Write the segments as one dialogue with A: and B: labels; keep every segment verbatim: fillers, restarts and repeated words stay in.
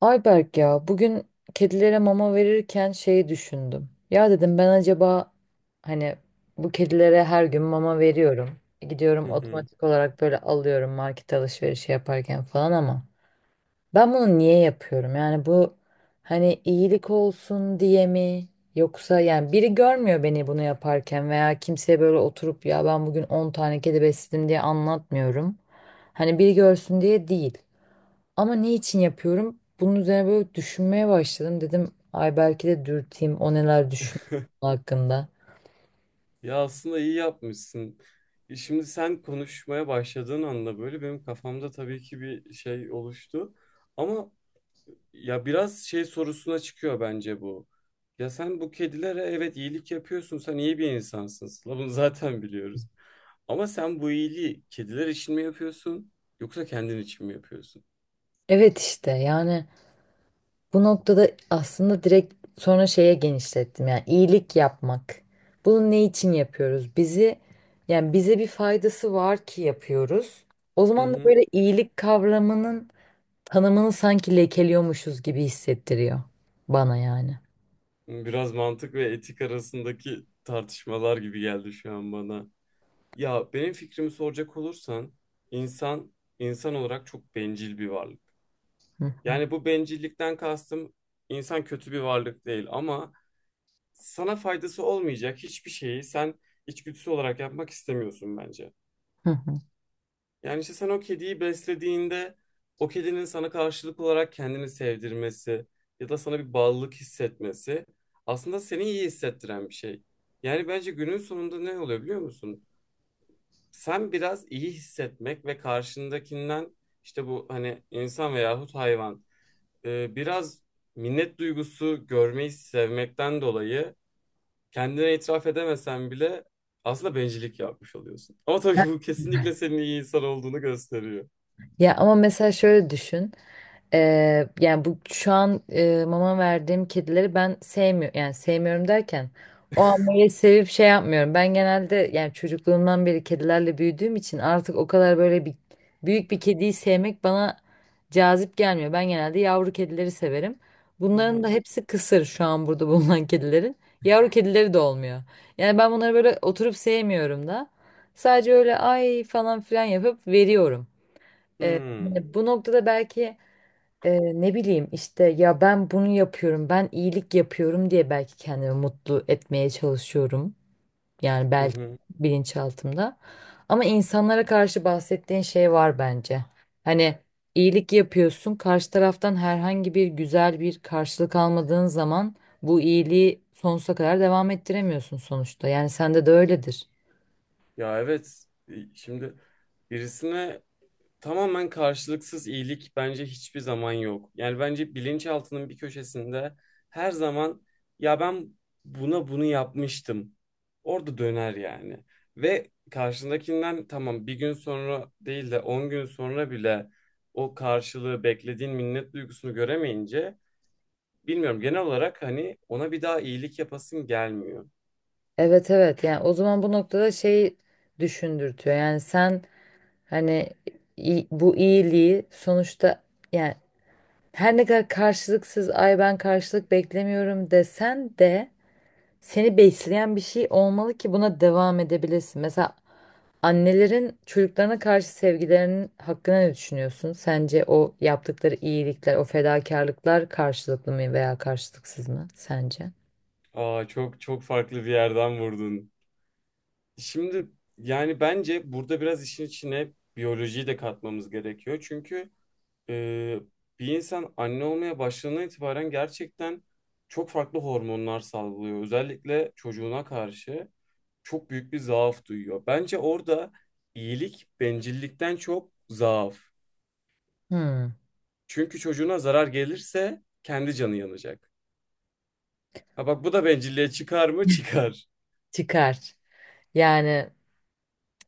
A: Ayberk, ya bugün kedilere mama verirken şeyi düşündüm. Ya dedim ben acaba hani bu kedilere her gün mama veriyorum. Gidiyorum
B: Hı hı.
A: otomatik olarak böyle alıyorum, market alışverişi yaparken falan, ama ben bunu niye yapıyorum? Yani bu hani iyilik olsun diye mi? Yoksa yani biri görmüyor beni bunu yaparken veya kimseye böyle oturup ya ben bugün on tane kedi besledim diye anlatmıyorum. Hani biri görsün diye değil. Ama ne için yapıyorum? Bunun üzerine böyle düşünmeye başladım. Dedim ay belki de dürteyim, o neler düşünüyor bunun hakkında.
B: Ya aslında iyi yapmışsın. E şimdi sen konuşmaya başladığın anda böyle benim kafamda tabii ki bir şey oluştu. Ama ya biraz şey sorusuna çıkıyor bence bu. Ya sen bu kedilere evet iyilik yapıyorsun. Sen iyi bir insansın Sıla, bunu zaten biliyoruz. Ama sen bu iyiliği kediler için mi yapıyorsun yoksa kendin için mi yapıyorsun?
A: Evet işte yani bu noktada aslında direkt sonra şeye genişlettim. Yani iyilik yapmak. Bunu ne için yapıyoruz? Bizi, yani bize bir faydası var ki yapıyoruz. O
B: Hı
A: zaman da
B: hı.
A: böyle iyilik kavramının tanımını sanki lekeliyormuşuz gibi hissettiriyor bana yani.
B: Biraz mantık ve etik arasındaki tartışmalar gibi geldi şu an bana. Ya benim fikrimi soracak olursan insan insan olarak çok bencil bir varlık.
A: Hı hı.
B: Yani bu bencillikten kastım, insan kötü bir varlık değil ama sana faydası olmayacak hiçbir şeyi sen içgüdüsü olarak yapmak istemiyorsun bence.
A: Hı hı.
B: Yani işte sen o kediyi beslediğinde, o kedinin sana karşılık olarak kendini sevdirmesi ya da sana bir bağlılık hissetmesi aslında seni iyi hissettiren bir şey. Yani bence günün sonunda ne oluyor biliyor musun? Sen biraz iyi hissetmek ve karşındakinden, işte bu hani insan veyahut hayvan, e, biraz minnet duygusu görmeyi sevmekten dolayı, kendine itiraf edemesen bile aslında bencillik yapmış oluyorsun. Ama tabii ki bu kesinlikle senin iyi insan olduğunu gösteriyor.
A: Ya ama mesela şöyle düşün. Ee, yani bu şu an e, mama verdiğim kedileri ben sevmiyorum, yani sevmiyorum derken o amayı sevip şey yapmıyorum. Ben genelde yani çocukluğumdan beri kedilerle büyüdüğüm için artık o kadar böyle bir büyük bir kediyi sevmek bana cazip gelmiyor. Ben genelde yavru kedileri severim.
B: Hı
A: Bunların
B: hı.
A: da hepsi kısır şu an burada bulunan kedilerin. Yavru kedileri de olmuyor. Yani ben bunları böyle oturup sevmiyorum da. Sadece öyle ay falan filan yapıp veriyorum. Ee,
B: Hmm.
A: hani bu noktada belki e, ne bileyim işte ya ben bunu yapıyorum, ben iyilik yapıyorum diye belki kendimi mutlu etmeye çalışıyorum. Yani
B: Hı
A: belki
B: hı.
A: bilinçaltımda. Ama insanlara karşı bahsettiğin şey var bence. Hani iyilik yapıyorsun, karşı taraftan herhangi bir güzel bir karşılık almadığın zaman bu iyiliği sonsuza kadar devam ettiremiyorsun sonuçta. Yani sende de öyledir.
B: Ya evet. E, Şimdi birisine, tamamen karşılıksız iyilik bence hiçbir zaman yok. Yani bence bilinçaltının bir köşesinde her zaman ya ben buna bunu yapmıştım. Orada döner yani. Ve karşındakinden, tamam bir gün sonra değil de on gün sonra bile o karşılığı beklediğin minnet duygusunu göremeyince, bilmiyorum, genel olarak hani ona bir daha iyilik yapasın gelmiyor.
A: Evet evet yani o zaman bu noktada şey düşündürtüyor. Yani sen, hani i- bu iyiliği sonuçta, yani her ne kadar karşılıksız ay ben karşılık beklemiyorum desen de seni besleyen bir şey olmalı ki buna devam edebilesin. Mesela annelerin çocuklarına karşı sevgilerinin hakkında ne düşünüyorsun? Sence o yaptıkları iyilikler, o fedakarlıklar karşılıklı mı veya karşılıksız mı sence?
B: Aa, çok çok farklı bir yerden vurdun. Şimdi, yani bence burada biraz işin içine biyolojiyi de katmamız gerekiyor. Çünkü e, bir insan anne olmaya başladığından itibaren gerçekten çok farklı hormonlar salgılıyor. Özellikle çocuğuna karşı çok büyük bir zaaf duyuyor. Bence orada iyilik bencillikten çok zaaf.
A: Hmm,
B: Çünkü çocuğuna zarar gelirse kendi canı yanacak. Ha bak bu da bencilliğe çıkar mı? Çıkar.
A: çıkar. Yani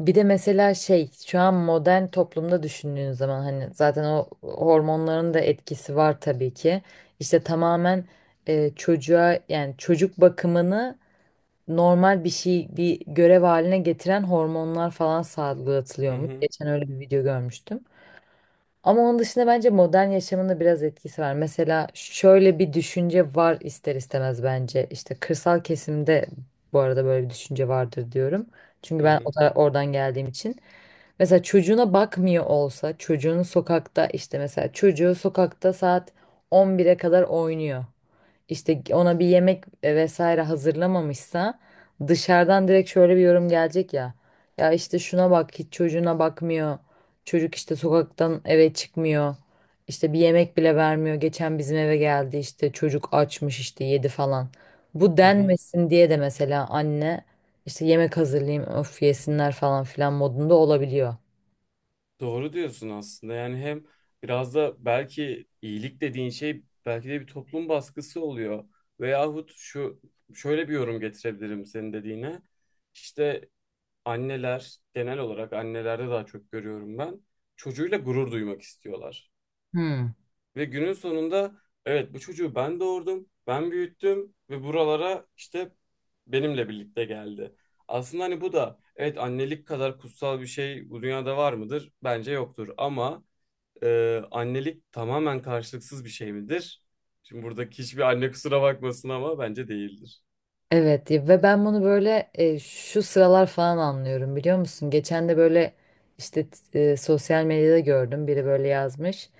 A: bir de mesela şey şu an modern toplumda düşündüğün zaman hani zaten o hormonların da etkisi var tabii ki. İşte tamamen e, çocuğa, yani çocuk bakımını normal bir şey, bir görev haline getiren hormonlar falan
B: Hı
A: salgılatılıyormuş.
B: hı,
A: Geçen öyle bir video görmüştüm. Ama onun dışında bence modern yaşamında biraz etkisi var. Mesela şöyle bir düşünce var ister istemez bence. İşte kırsal kesimde, bu arada böyle bir düşünce vardır diyorum. Çünkü
B: hı
A: ben o
B: hı,
A: tara- oradan geldiğim için. Mesela çocuğuna bakmıyor olsa, çocuğunu sokakta, işte mesela çocuğu sokakta saat on bire kadar oynuyor, işte ona bir yemek e, vesaire hazırlamamışsa, dışarıdan direkt şöyle bir yorum gelecek ya. Ya işte şuna bak, hiç çocuğuna bakmıyor. Çocuk işte sokaktan eve çıkmıyor. İşte bir yemek bile vermiyor. Geçen bizim eve geldi, işte çocuk açmış işte yedi falan. Bu
B: hı hı.
A: denmesin diye de mesela anne işte yemek hazırlayayım, öf yesinler falan filan modunda olabiliyor.
B: Doğru diyorsun aslında. Yani hem biraz da belki iyilik dediğin şey belki de bir toplum baskısı oluyor. Veyahut şu şöyle bir yorum getirebilirim senin dediğine. İşte anneler, genel olarak annelerde daha çok görüyorum ben. Çocuğuyla gurur duymak istiyorlar.
A: Hmm.
B: Ve günün sonunda evet, bu çocuğu ben doğurdum, ben büyüttüm ve buralara işte benimle birlikte geldi. Aslında hani bu da, evet, annelik kadar kutsal bir şey bu dünyada var mıdır? Bence yoktur ama ee, annelik tamamen karşılıksız bir şey midir? Şimdi buradaki hiçbir anne kusura bakmasın ama bence değildir.
A: Evet ya, ve ben bunu böyle e, şu sıralar falan anlıyorum, biliyor musun? Geçen de böyle işte t- e, sosyal medyada gördüm, biri böyle yazmış.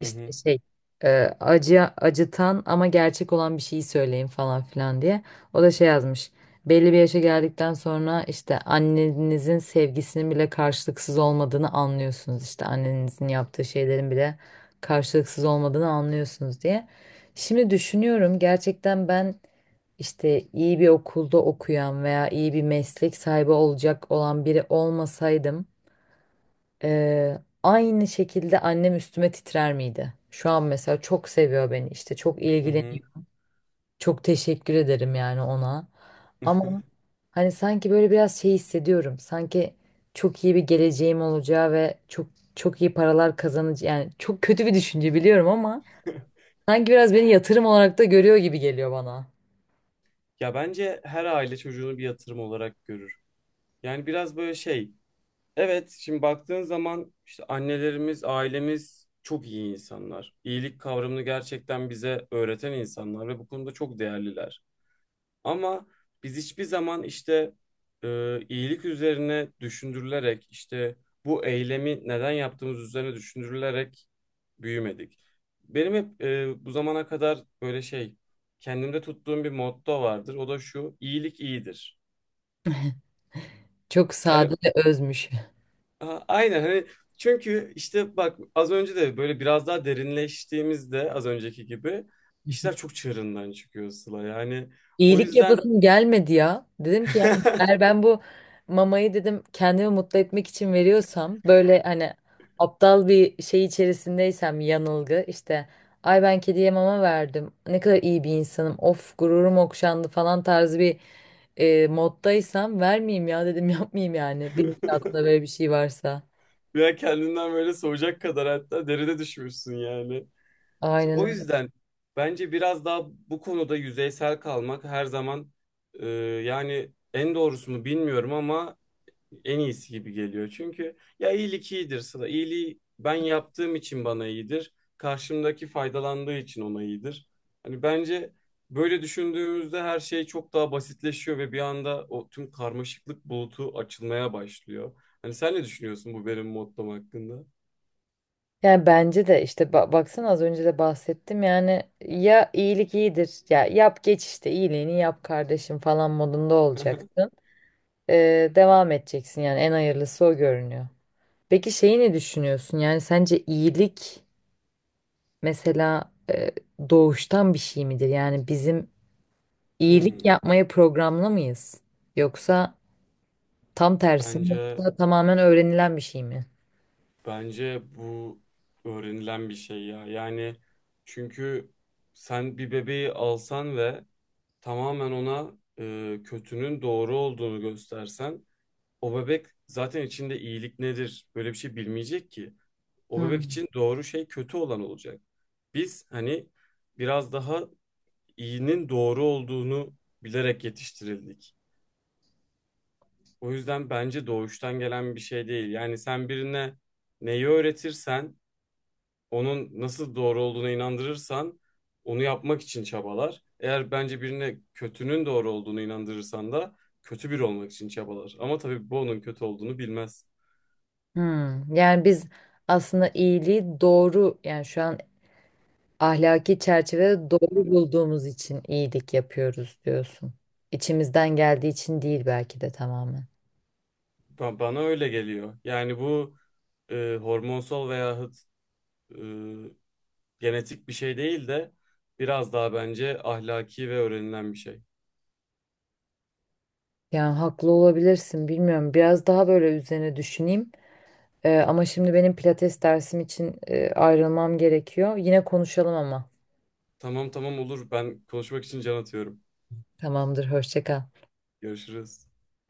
B: Hı
A: İşte
B: hı,
A: şey e, acı, acıtan ama gerçek olan bir şeyi söyleyin falan filan diye. O da şey yazmış. Belli bir yaşa geldikten sonra işte annenizin sevgisinin bile karşılıksız olmadığını anlıyorsunuz. İşte annenizin yaptığı şeylerin bile karşılıksız olmadığını anlıyorsunuz diye. Şimdi düşünüyorum gerçekten ben, işte iyi bir okulda okuyan veya iyi bir meslek sahibi olacak olan biri olmasaydım, eee, aynı şekilde annem üstüme titrer miydi? Şu an mesela çok seviyor beni, işte çok
B: hı hı.
A: ilgileniyor. Çok teşekkür ederim yani ona. Ama hani sanki böyle biraz şey hissediyorum. Sanki çok iyi bir geleceğim olacağı ve çok çok iyi paralar kazanacağım, yani çok kötü bir düşünce biliyorum ama sanki biraz beni yatırım olarak da görüyor gibi geliyor bana.
B: Ya bence her aile çocuğunu bir yatırım olarak görür. Yani biraz böyle şey. Evet, şimdi baktığın zaman işte annelerimiz, ailemiz çok iyi insanlar. İyilik kavramını gerçekten bize öğreten insanlar ve bu konuda çok değerliler. Ama biz hiçbir zaman işte e, iyilik üzerine düşündürülerek, işte bu eylemi neden yaptığımız üzerine düşündürülerek büyümedik. Benim hep e, bu zamana kadar böyle şey, kendimde tuttuğum bir motto vardır. O da şu: iyilik iyidir.
A: Çok
B: Yani
A: sade ve özmüş.
B: a- aynen, hani çünkü işte bak az önce de böyle biraz daha derinleştiğimizde, az önceki gibi işler çok çığırından çıkıyor Sıla. Yani o
A: İyilik
B: yüzden.
A: yapasım gelmedi ya. Dedim ki yani eğer ben bu mamayı, dedim, kendimi mutlu etmek için veriyorsam, böyle hani aptal bir şey içerisindeysem, yanılgı işte ay ben kediye mama verdim ne kadar iyi bir insanım of gururum okşandı falan tarzı bir e, moddaysam vermeyeyim ya, dedim, yapmayayım yani, bilinçaltında böyle bir şey varsa.
B: Veya kendinden böyle soğuyacak kadar, hatta derine düşmüşsün yani. İşte o
A: Aynen.
B: yüzden bence biraz daha bu konuda yüzeysel kalmak her zaman, e, yani en doğrusu mu bilmiyorum ama en iyisi gibi geliyor. Çünkü ya iyilik iyidir Sıla. İyiliği ben yaptığım için bana iyidir. Karşımdaki faydalandığı için ona iyidir. Hani bence böyle düşündüğümüzde her şey çok daha basitleşiyor ve bir anda o tüm karmaşıklık bulutu açılmaya başlıyor. Hani sen ne düşünüyorsun bu benim mottom hakkında?
A: Yani bence de işte ba- baksana az önce de bahsettim yani ya iyilik iyidir ya yap geç, işte iyiliğini yap kardeşim falan modunda olacaksın. Ee, devam edeceksin yani, en hayırlısı o görünüyor. Peki şeyi ne düşünüyorsun, yani sence iyilik mesela e, doğuştan bir şey midir? Yani bizim iyilik
B: Hmm,
A: yapmaya programlı mıyız? Yoksa tam tersi mi,
B: bence
A: yoksa tamamen öğrenilen bir şey mi?
B: bence bu öğrenilen bir şey ya. Yani çünkü sen bir bebeği alsan ve tamamen ona e, kötünün doğru olduğunu göstersen, o bebek zaten içinde iyilik nedir böyle bir şey bilmeyecek ki. O bebek
A: Hmm.
B: için doğru şey kötü olan olacak. Biz hani biraz daha iyinin doğru olduğunu bilerek yetiştirildik. O yüzden bence doğuştan gelen bir şey değil. Yani sen birine neyi öğretirsen, onun nasıl doğru olduğuna inandırırsan, onu yapmak için çabalar. Eğer bence birine kötünün doğru olduğunu inandırırsan da kötü biri olmak için çabalar. Ama tabii bu onun kötü olduğunu bilmez.
A: Hmm. Yani biz aslında iyiliği doğru, yani şu an ahlaki çerçevede doğru bulduğumuz için iyilik yapıyoruz diyorsun. İçimizden geldiği için değil belki de tamamen.
B: Ba- Bana öyle geliyor. Yani bu e, hormonsal veyahut e, genetik bir şey değil de biraz daha bence ahlaki ve öğrenilen bir şey.
A: Yani haklı olabilirsin, bilmiyorum. Biraz daha böyle üzerine düşüneyim. Ee, ama şimdi benim pilates dersim için e, ayrılmam gerekiyor. Yine konuşalım ama.
B: Tamam tamam, olur. Ben konuşmak için can atıyorum.
A: Tamamdır, hoşça kal.
B: Görüşürüz.